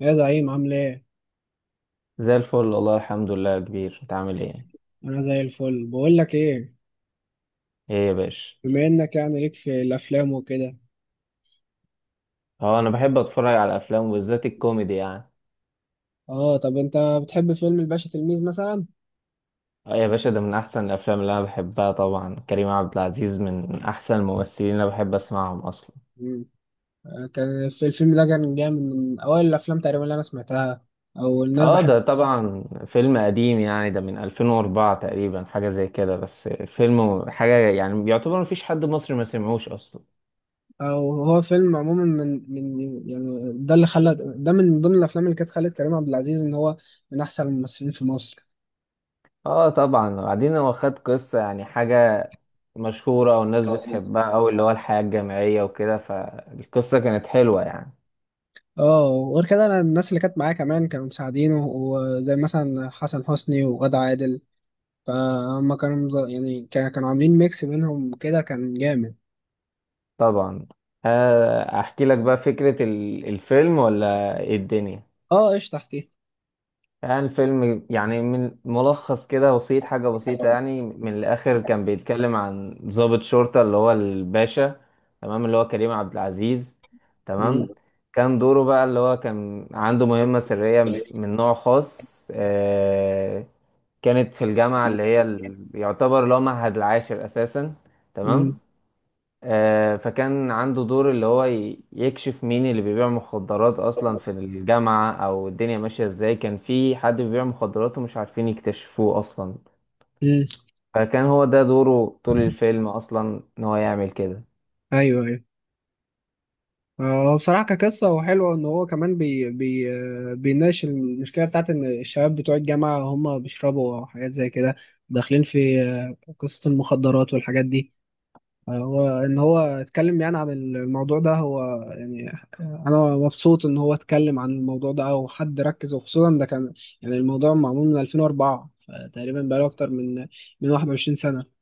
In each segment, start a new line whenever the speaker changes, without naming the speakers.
يا زعيم، عامل ايه؟
زي الفل والله الحمد لله يا كبير، انت عامل ايه؟
انا زي الفل. بقول لك ايه،
ايه يا باشا؟
بما انك يعني ليك في الافلام وكده،
اه، انا بحب اتفرج على الافلام وبالذات الكوميدي يعني.
اه، طب انت بتحب فيلم الباشا تلميذ مثلا؟
اه يا باشا، ده من احسن الافلام اللي انا بحبها. طبعا كريم عبد العزيز من احسن الممثلين اللي انا بحب اسمعهم اصلا.
مم. كان في الفيلم ده، كان جامد من اوائل الافلام تقريبا اللي انا سمعتها. او ان انا
اه،
بحب.
ده طبعا فيلم قديم يعني، ده من 2004 تقريبا، حاجه زي كده. بس فيلم حاجه يعني يعتبر مفيش حد مصري ما سمعوش اصلا.
او هو فيلم عموما من يعني ده اللي خلى ده من ضمن الافلام اللي كانت خلت كريم عبد العزيز ان هو من احسن الممثلين في مصر.
اه طبعا. وبعدين هو خد قصه يعني حاجه مشهورة والناس بتحبها أوي، اللي هو الحياة الجامعية وكده، فالقصة كانت حلوة يعني.
اه، وغير كده، انا الناس اللي كانت معايا كمان كانوا مساعدينه، وزي مثلا حسن حسني وغادة عادل. فهم كانوا عاملين ميكس بينهم كده، كان جامد.
طبعا. آه، أحكي لك بقى فكرة الفيلم ولا إيه الدنيا؟
اه، ايش تحتيه؟
يعني الفيلم يعني من ملخص كده بسيط، حاجة بسيطة يعني. من الآخر كان بيتكلم عن ضابط شرطة اللي هو الباشا. تمام، اللي هو كريم عبد العزيز.
مم.
تمام. كان دوره بقى اللي هو كان عنده مهمة سرية من نوع خاص. كانت في الجامعة اللي هي يعتبر اللي هو معهد العاشر أساسا. تمام.
مم.
فكان عنده دور اللي هو يكشف مين اللي بيبيع مخدرات أصلا في الجامعة، أو الدنيا ماشية إزاي. كان في حد بيبيع مخدرات ومش عارفين يكتشفوه أصلا.
مم.
فكان هو ده دوره طول الفيلم أصلا، إن هو يعمل كده.
ايوه، ايوه، هو بصراحة كقصة هو حلو ان هو كمان بي بي بيناقش المشكلة بتاعت ان الشباب بتوع الجامعة هم بيشربوا حاجات زي كده، داخلين في قصة المخدرات والحاجات دي. هو ان هو اتكلم يعني عن الموضوع ده، هو يعني انا مبسوط ان هو اتكلم عن الموضوع ده، او حد ركز، وخصوصا ده كان يعني الموضوع معمول من 2004، فتقريبا بقاله اكتر من 21 سنة.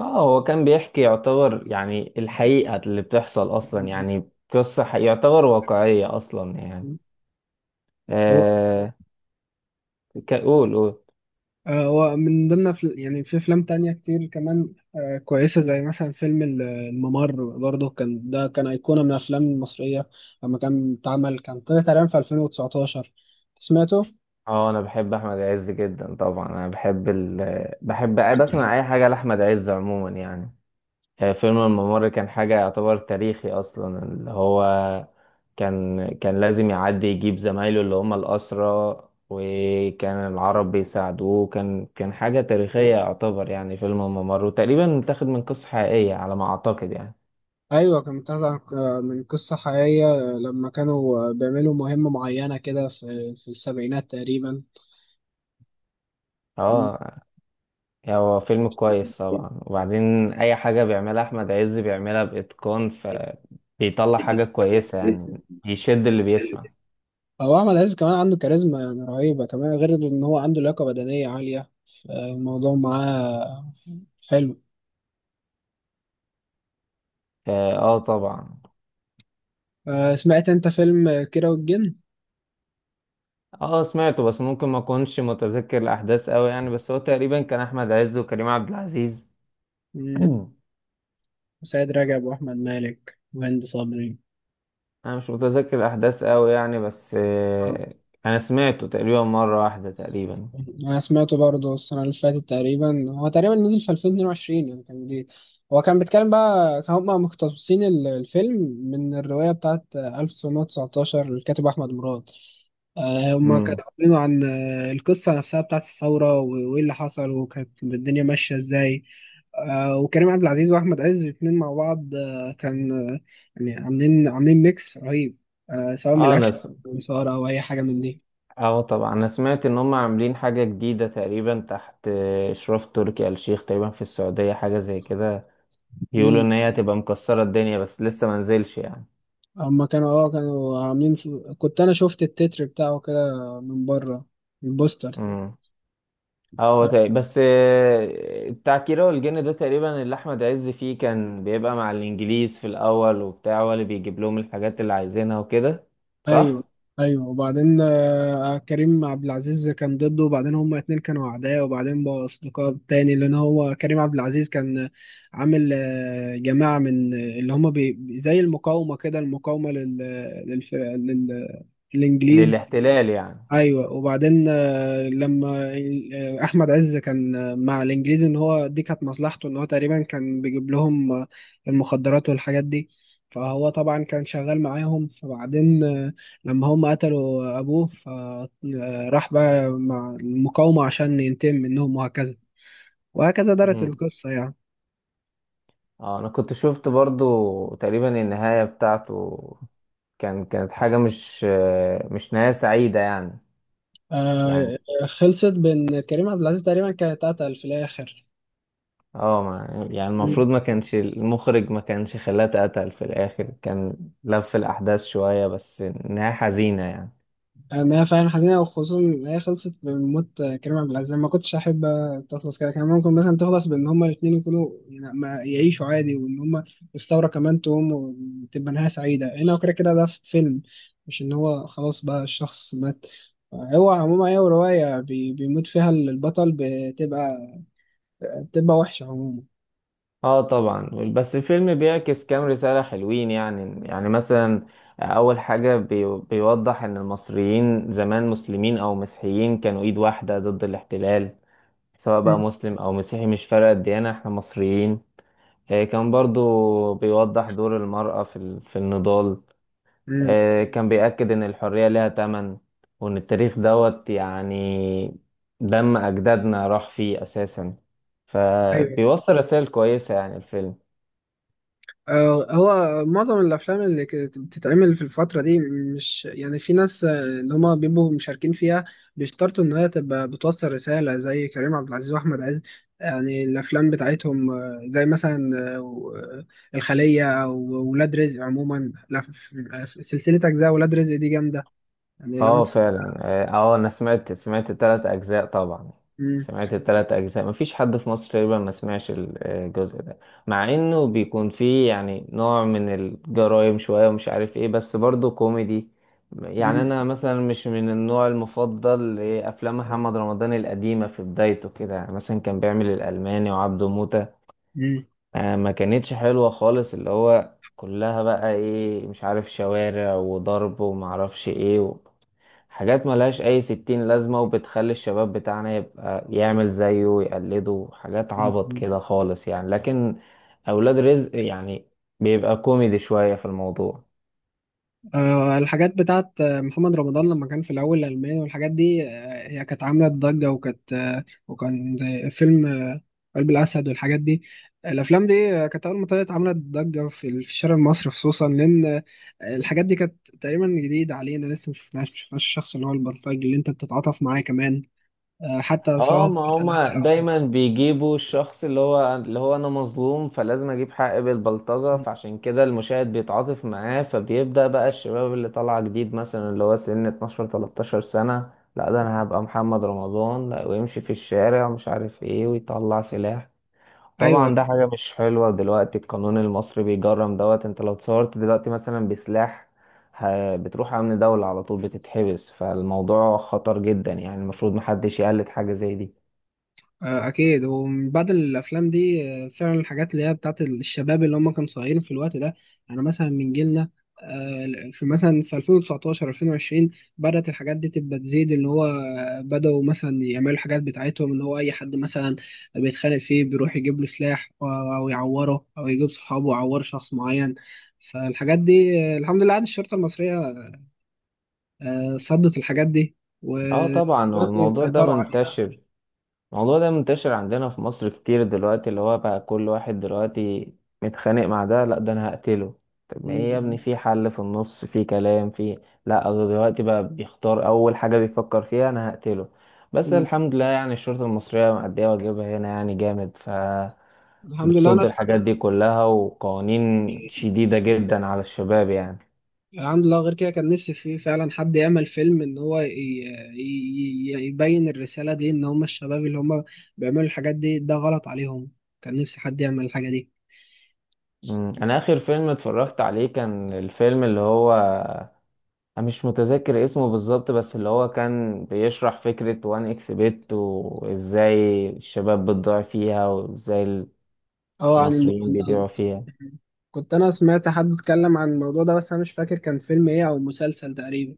اه، هو كان بيحكي يعتبر يعني الحقيقة اللي بتحصل أصلا، يعني قصة يعتبر واقعية أصلا يعني.
هو
آه. قول قول.
هو من ضمن يعني في افلام تانية كتير كمان كويسة، زي مثلا فيلم الممر. برضه كان ده كان أيقونة من الافلام المصرية لما كان اتعمل. كان طلع تقريبا في 2019. سمعته؟
اه، انا بحب احمد عز جدا. طبعا انا بحب بسمع اي حاجه لاحمد عز عموما يعني. آه، فيلم الممر كان حاجه يعتبر تاريخي اصلا، اللي هو كان لازم يعدي يجيب زمايله اللي هم الاسرى. وكان العرب بيساعدوه. كان حاجه تاريخيه يعتبر يعني. فيلم الممر وتقريبا متاخد من قصه حقيقيه على ما اعتقد يعني.
ايوه، كان متاخد من قصه حقيقيه، لما كانوا بيعملوا مهمه معينه كده في السبعينات تقريبا. مم.
اه، يعني هو فيلم كويس طبعا. وبعدين اي حاجة بيعملها احمد عز بيعملها باتقان، فبيطلع حاجة كويسة يعني، يشد اللي بيسمع.
هو احمد عز كمان عنده كاريزما يعني رهيبه، كمان غير ان هو عنده لياقه بدنيه عاليه. الموضوع معاه حلو.
اه، آه، طبعا.
سمعت انت فيلم كيرة والجن؟
اه سمعته، بس ممكن ما اكونش متذكر الاحداث قوي يعني. بس هو تقريبا كان احمد عز وكريم عبد العزيز.
مم. وسيد رجب واحمد مالك وهند صبري.
انا مش متذكر الاحداث قوي يعني. بس انا سمعته تقريبا مرة واحدة تقريبا.
انا سمعته برضه السنه اللي فاتت، تقريبا هو تقريبا نزل في 2022، يعني كان جديد. هو كان بيتكلم بقى، كان هما مقتبسين الفيلم من الروايه بتاعت 1919 للكاتب احمد مراد. هما
امم.
كانوا عاملينه عن القصه نفسها بتاعت الثوره وايه اللي حصل وكانت الدنيا ماشيه ازاي. وكريم عبد العزيز واحمد عز الاتنين مع بعض كان عاملين ميكس رهيب، سواء من
اه، انا
الاكشن او الإثارة أو اي حاجه من
اه طبعا، انا سمعت ان هم عاملين حاجة جديدة تقريبا تحت اشراف تركي آل الشيخ تقريبا في السعودية، حاجة زي كده.
دي.
بيقولوا ان هي هتبقى مكسرة الدنيا، بس لسه ما نزلش يعني.
هما كانوا عاملين في... كنت انا شفت التتر بتاعه كده من بره، البوستر.
امم. اه، هو بس آه، بتاع كيرة والجن ده تقريبا اللي احمد عز فيه كان بيبقى مع الانجليز في الاول، وبتاع هو اللي بيجيب لهم الحاجات اللي عايزينها وكده.
ايوه،
صح.
ايوه، وبعدين كريم عبد العزيز كان ضده، وبعدين هما اتنين كانوا اعداء، وبعدين بقوا اصدقاء تاني، لان هو كريم عبد العزيز كان عامل جماعة من اللي هما زي المقاومة كده، المقاومة للف... لل... للانجليز.
للاحتلال
ايوه، وبعدين لما احمد عز كان مع الانجليزي، ان هو دي كانت مصلحته، ان هو تقريبا كان بيجيب لهم المخدرات والحاجات دي. فهو طبعا كان شغال معاهم. فبعدين لما هم قتلوا ابوه، فراح بقى مع المقاومة عشان ينتقم منهم، وهكذا وهكذا دارت
يعني.
القصة يعني.
اه، انا كنت شفت برضو تقريبا النهاية بتاعته. كانت حاجة مش نهاية سعيدة يعني. يعني
آه، خلصت بان كريم عبد العزيز تقريبا كان اتقتل في الاخر.
اه، يعني المفروض ما كانش المخرج ما كانش خلاها اتقتل في الاخر. كان لف الاحداث شوية، بس نهاية حزينة يعني.
انا فعلا حزينه، وخصوصا ان هي خلصت بموت كريم عبد العزيز. ما كنتش احب تخلص كده. كان ممكن مثلا تخلص بان هما الاثنين يكونوا، يعني ما يعيشوا عادي، وان هما الثوره كمان تقوم، وتبقى نهايه سعيده هنا، وكده كده ده في فيلم، مش ان هو خلاص بقى الشخص مات. هو عموما هي روايه بيموت فيها البطل، بتبقى وحشه عموما.
اه طبعا. بس الفيلم بيعكس كام رسالة حلوين يعني مثلا اول حاجة بيوضح ان المصريين زمان مسلمين او مسيحيين كانوا ايد واحدة ضد الاحتلال. سواء بقى
مم.
مسلم أو مسيحي، مش فارقة الديانة، احنا مصريين. آه، كان برضو بيوضح دور المرأة في النضال.
مم.
آه، كان بيأكد إن الحرية لها تمن، وإن التاريخ دوت يعني دم أجدادنا راح فيه أساسا.
ايوه.
فبيوصل رسائل كويسة يعني الفيلم.
هو معظم الافلام اللي كانت بتتعمل في الفتره دي، مش يعني في ناس اللي هما بيبقوا مشاركين فيها بيشترطوا ان هي تبقى بتوصل رساله، زي كريم عبد العزيز واحمد عز. يعني الافلام بتاعتهم زي مثلا الخليه او ولاد رزق عموما. لا، في سلسله اجزاء ولاد رزق دي جامده، يعني لو
اه
انت.
فعلا. اه، آه، انا سمعت التلات اجزاء طبعا.
مم.
سمعت التلات اجزاء، مفيش حد في مصر تقريبا ما سمعش الجزء ده. مع انه بيكون فيه يعني نوع من الجرايم شوية، ومش عارف ايه، بس برضه كوميدي. يعني
مم.
انا مثلا مش من النوع المفضل لافلام محمد رمضان القديمة في بدايته كده، يعني مثلا كان بيعمل الالماني وعبده موتة.
مم.
آه، ما كانتش حلوة خالص، اللي هو كلها بقى ايه مش عارف، شوارع وضرب ومعرفش ايه، حاجات ملهاش أي ستين لازمة، وبتخلي الشباب بتاعنا يبقى يعمل زيه ويقلده حاجات عبط كده خالص يعني. لكن أولاد رزق يعني بيبقى كوميدي شوية في الموضوع.
الحاجات بتاعت محمد رمضان لما كان في الأول، الألماني والحاجات دي، هي كانت عاملة ضجة، وكانت وكان زي فيلم قلب الأسد والحاجات دي. الأفلام دي كانت أول ما طلعت عملت ضجة في في الشارع المصري، خصوصا لأن الحاجات دي كانت تقريبا جديدة علينا، لسه مشفناش الشخص اللي هو البلطجي اللي أنت بتتعاطف معاه كمان، حتى سواء
اه،
هو
ما
مثلا
هما
قتل أو
دايما
حاجة.
بيجيبوا الشخص اللي هو انا مظلوم فلازم اجيب حقي بالبلطجة، فعشان كده المشاهد بيتعاطف معاه. فبيبدأ بقى الشباب اللي طالعة جديد مثلا اللي هو سن 12 13 سنة، لا ده انا هبقى محمد رمضان، لا، ويمشي في الشارع ومش عارف ايه ويطلع سلاح.
أيوه.
طبعا ده حاجة مش حلوة. دلوقتي القانون المصري بيجرم دوت. انت لو اتصورت دلوقتي مثلا بسلاح، بتروح امن دولة على طول، بتتحبس، فالموضوع خطر جدا يعني، المفروض محدش يقلد حاجة زي دي.
اكيد هو من بعد الافلام دي فعلا الحاجات اللي هي بتاعت الشباب اللي هم كانوا صغيرين في الوقت ده، يعني مثلا من جيلنا في مثلا في 2019، 2020 بدأت الحاجات دي تبقى تزيد، اللي هو بدأوا مثلا يعملوا الحاجات بتاعتهم، اللي هو أي حد مثلا بيتخانق فيه بيروح يجيب له سلاح، أو يعوره أو يجيب صحابه يعور شخص معين. فالحاجات دي الحمد لله، عاد الشرطة المصرية صدت الحاجات دي،
اه طبعا. هو
ودلوقتي
الموضوع ده
سيطروا عليها.
منتشر الموضوع ده منتشر عندنا في مصر كتير دلوقتي، اللي هو بقى كل واحد دلوقتي متخانق مع ده، لا ده انا هقتله. طب ما ايه يا ابني،
مم.
في حل، في النص، في كلام، في لا، هو دلوقتي بقى بيختار اول حاجة بيفكر فيها انا هقتله. بس
مم.
الحمد لله يعني الشرطة المصرية مأدية واجبها هنا يعني جامد، ف
الحمد لله.
بتصد
أنا
الحاجات دي كلها، وقوانين شديدة جدا على الشباب يعني.
الحمد لله، غير كده كان نفسي، في فعلا، حد يعمل فيلم، ان هو يبين الرسالة دي، ان هم الشباب اللي هم بيعملوا الحاجات دي ده غلط عليهم. كان نفسي حد يعمل الحاجة دي.
مم. انا اخر فيلم اتفرجت عليه كان الفيلم اللي هو، أنا مش متذكر اسمه بالظبط، بس اللي هو كان بيشرح فكرة وان اكس بيت وازاي الشباب بتضيع فيها، وازاي
اه، عن
المصريين بيبيعوا
المراهنات.
فيها.
كنت انا سمعت حد اتكلم عن الموضوع ده، بس انا مش فاكر كان فيلم ايه او مسلسل تقريبا.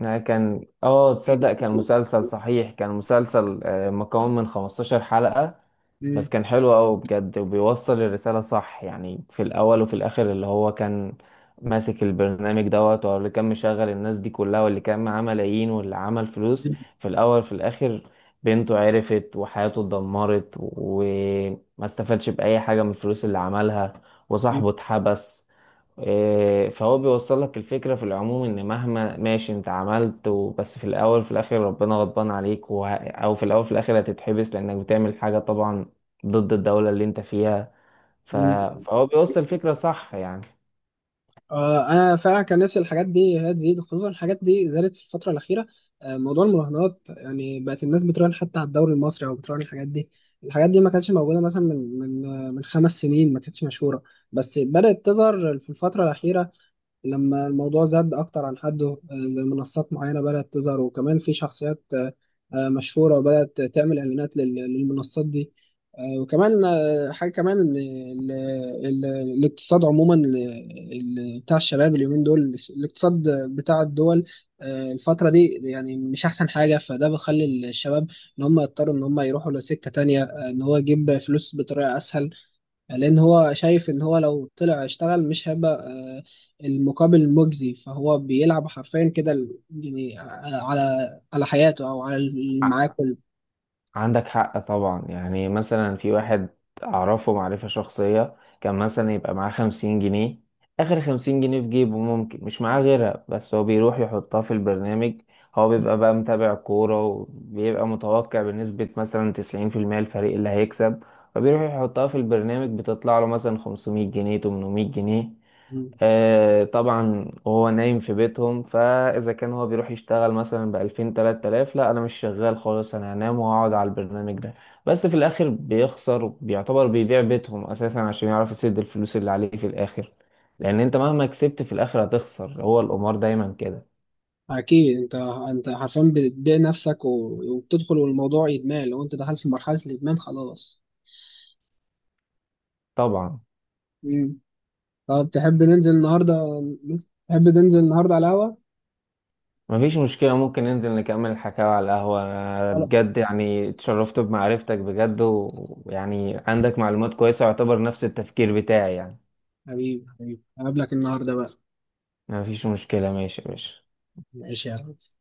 يعني كان، اه، تصدق كان مسلسل صحيح، كان مسلسل مكون من 15 حلقة.
مم.
بس كان حلو أوي بجد، وبيوصل الرسالة صح يعني. في الأول وفي الآخر اللي هو كان ماسك البرنامج دوت، واللي كان مشغل الناس دي كلها، واللي كان معاه ملايين، واللي عمل فلوس. في الأول في الآخر بنته عرفت وحياته اتدمرت، وما استفادش بأي حاجة من الفلوس اللي عملها، وصاحبه اتحبس. إيه، فهو بيوصل لك الفكرة في العموم ان مهما ماشي انت عملت بس في الاول في الاخر ربنا غضبان عليك، او في الاول في الاخر هتتحبس لانك بتعمل حاجة طبعا ضد الدولة اللي انت فيها. ف...
مم.
فهو بيوصل الفكرة صح يعني.
انا فعلا كان نفسي الحاجات دي هي تزيد، خصوصا الحاجات دي زادت في الفتره الاخيره. موضوع المراهنات يعني، بقت الناس بتراهن حتى على الدوري المصري، او بتراهن الحاجات دي. الحاجات دي ما كانتش موجوده مثلا من 5 سنين، ما كانتش مشهوره. بس بدات تظهر في الفتره الاخيره، لما الموضوع زاد أكتر عن حده، زي منصات معينة بدأت تظهر. وكمان في شخصيات مشهورة بدأت تعمل إعلانات للمنصات دي. وكمان حاجة كمان، إن الاقتصاد عموما، بتاع الشباب اليومين دول، الاقتصاد بتاع الدول الفترة دي يعني مش أحسن حاجة. فده بيخلي الشباب إن هم يضطروا إن هم يروحوا لسكة تانية، إن هو يجيب فلوس بطريقة أسهل، لأن هو شايف إن هو لو طلع اشتغل مش هيبقى المقابل مجزي. فهو بيلعب حرفيا كده يعني على حياته أو على اللي معاه كله.
عندك حق طبعا. يعني مثلا في واحد أعرفه معرفة شخصية، كان مثلا يبقى معاه 50 جنيه. آخر 50 جنيه في جيبه، ممكن مش معاه غيرها، بس هو بيروح يحطها في البرنامج. هو بيبقى بقى متابع كورة، وبيبقى متوقع بنسبة مثلا 90% الفريق اللي هيكسب. فبيروح يحطها في البرنامج بتطلع له مثلا 500 جنيه، 800 جنيه.
مم.
آه طبعا. وهو نايم في بيتهم، فاذا كان هو بيروح يشتغل مثلا بـ2000 3000، لا انا مش شغال خالص، انا هنام وهقعد على البرنامج ده. بس في الاخر بيخسر، بيعتبر بيبيع بيتهم اساسا عشان يعرف يسد الفلوس اللي عليه في الاخر. لان انت مهما كسبت في الاخر هتخسر، هو القمار دايما كده.
أكيد. أنت حرفيا بتبيع نفسك وبتدخل، والموضوع إدمان. لو أنت دخلت في مرحلة الإدمان خلاص.
طبعا.
مم. طب تحب ننزل النهاردة على القهوة؟
مفيش مشكلة، ممكن ننزل نكمل الحكاية على القهوة. أنا
خلاص
بجد يعني اتشرفت بمعرفتك بجد، ويعني عندك معلومات كويسة ويعتبر نفس التفكير بتاعي يعني.
حبيبي، حبيبي، هقابلك النهاردة بقى.
مفيش مشكلة، ماشي يا باشا.
ماشي يا ريس.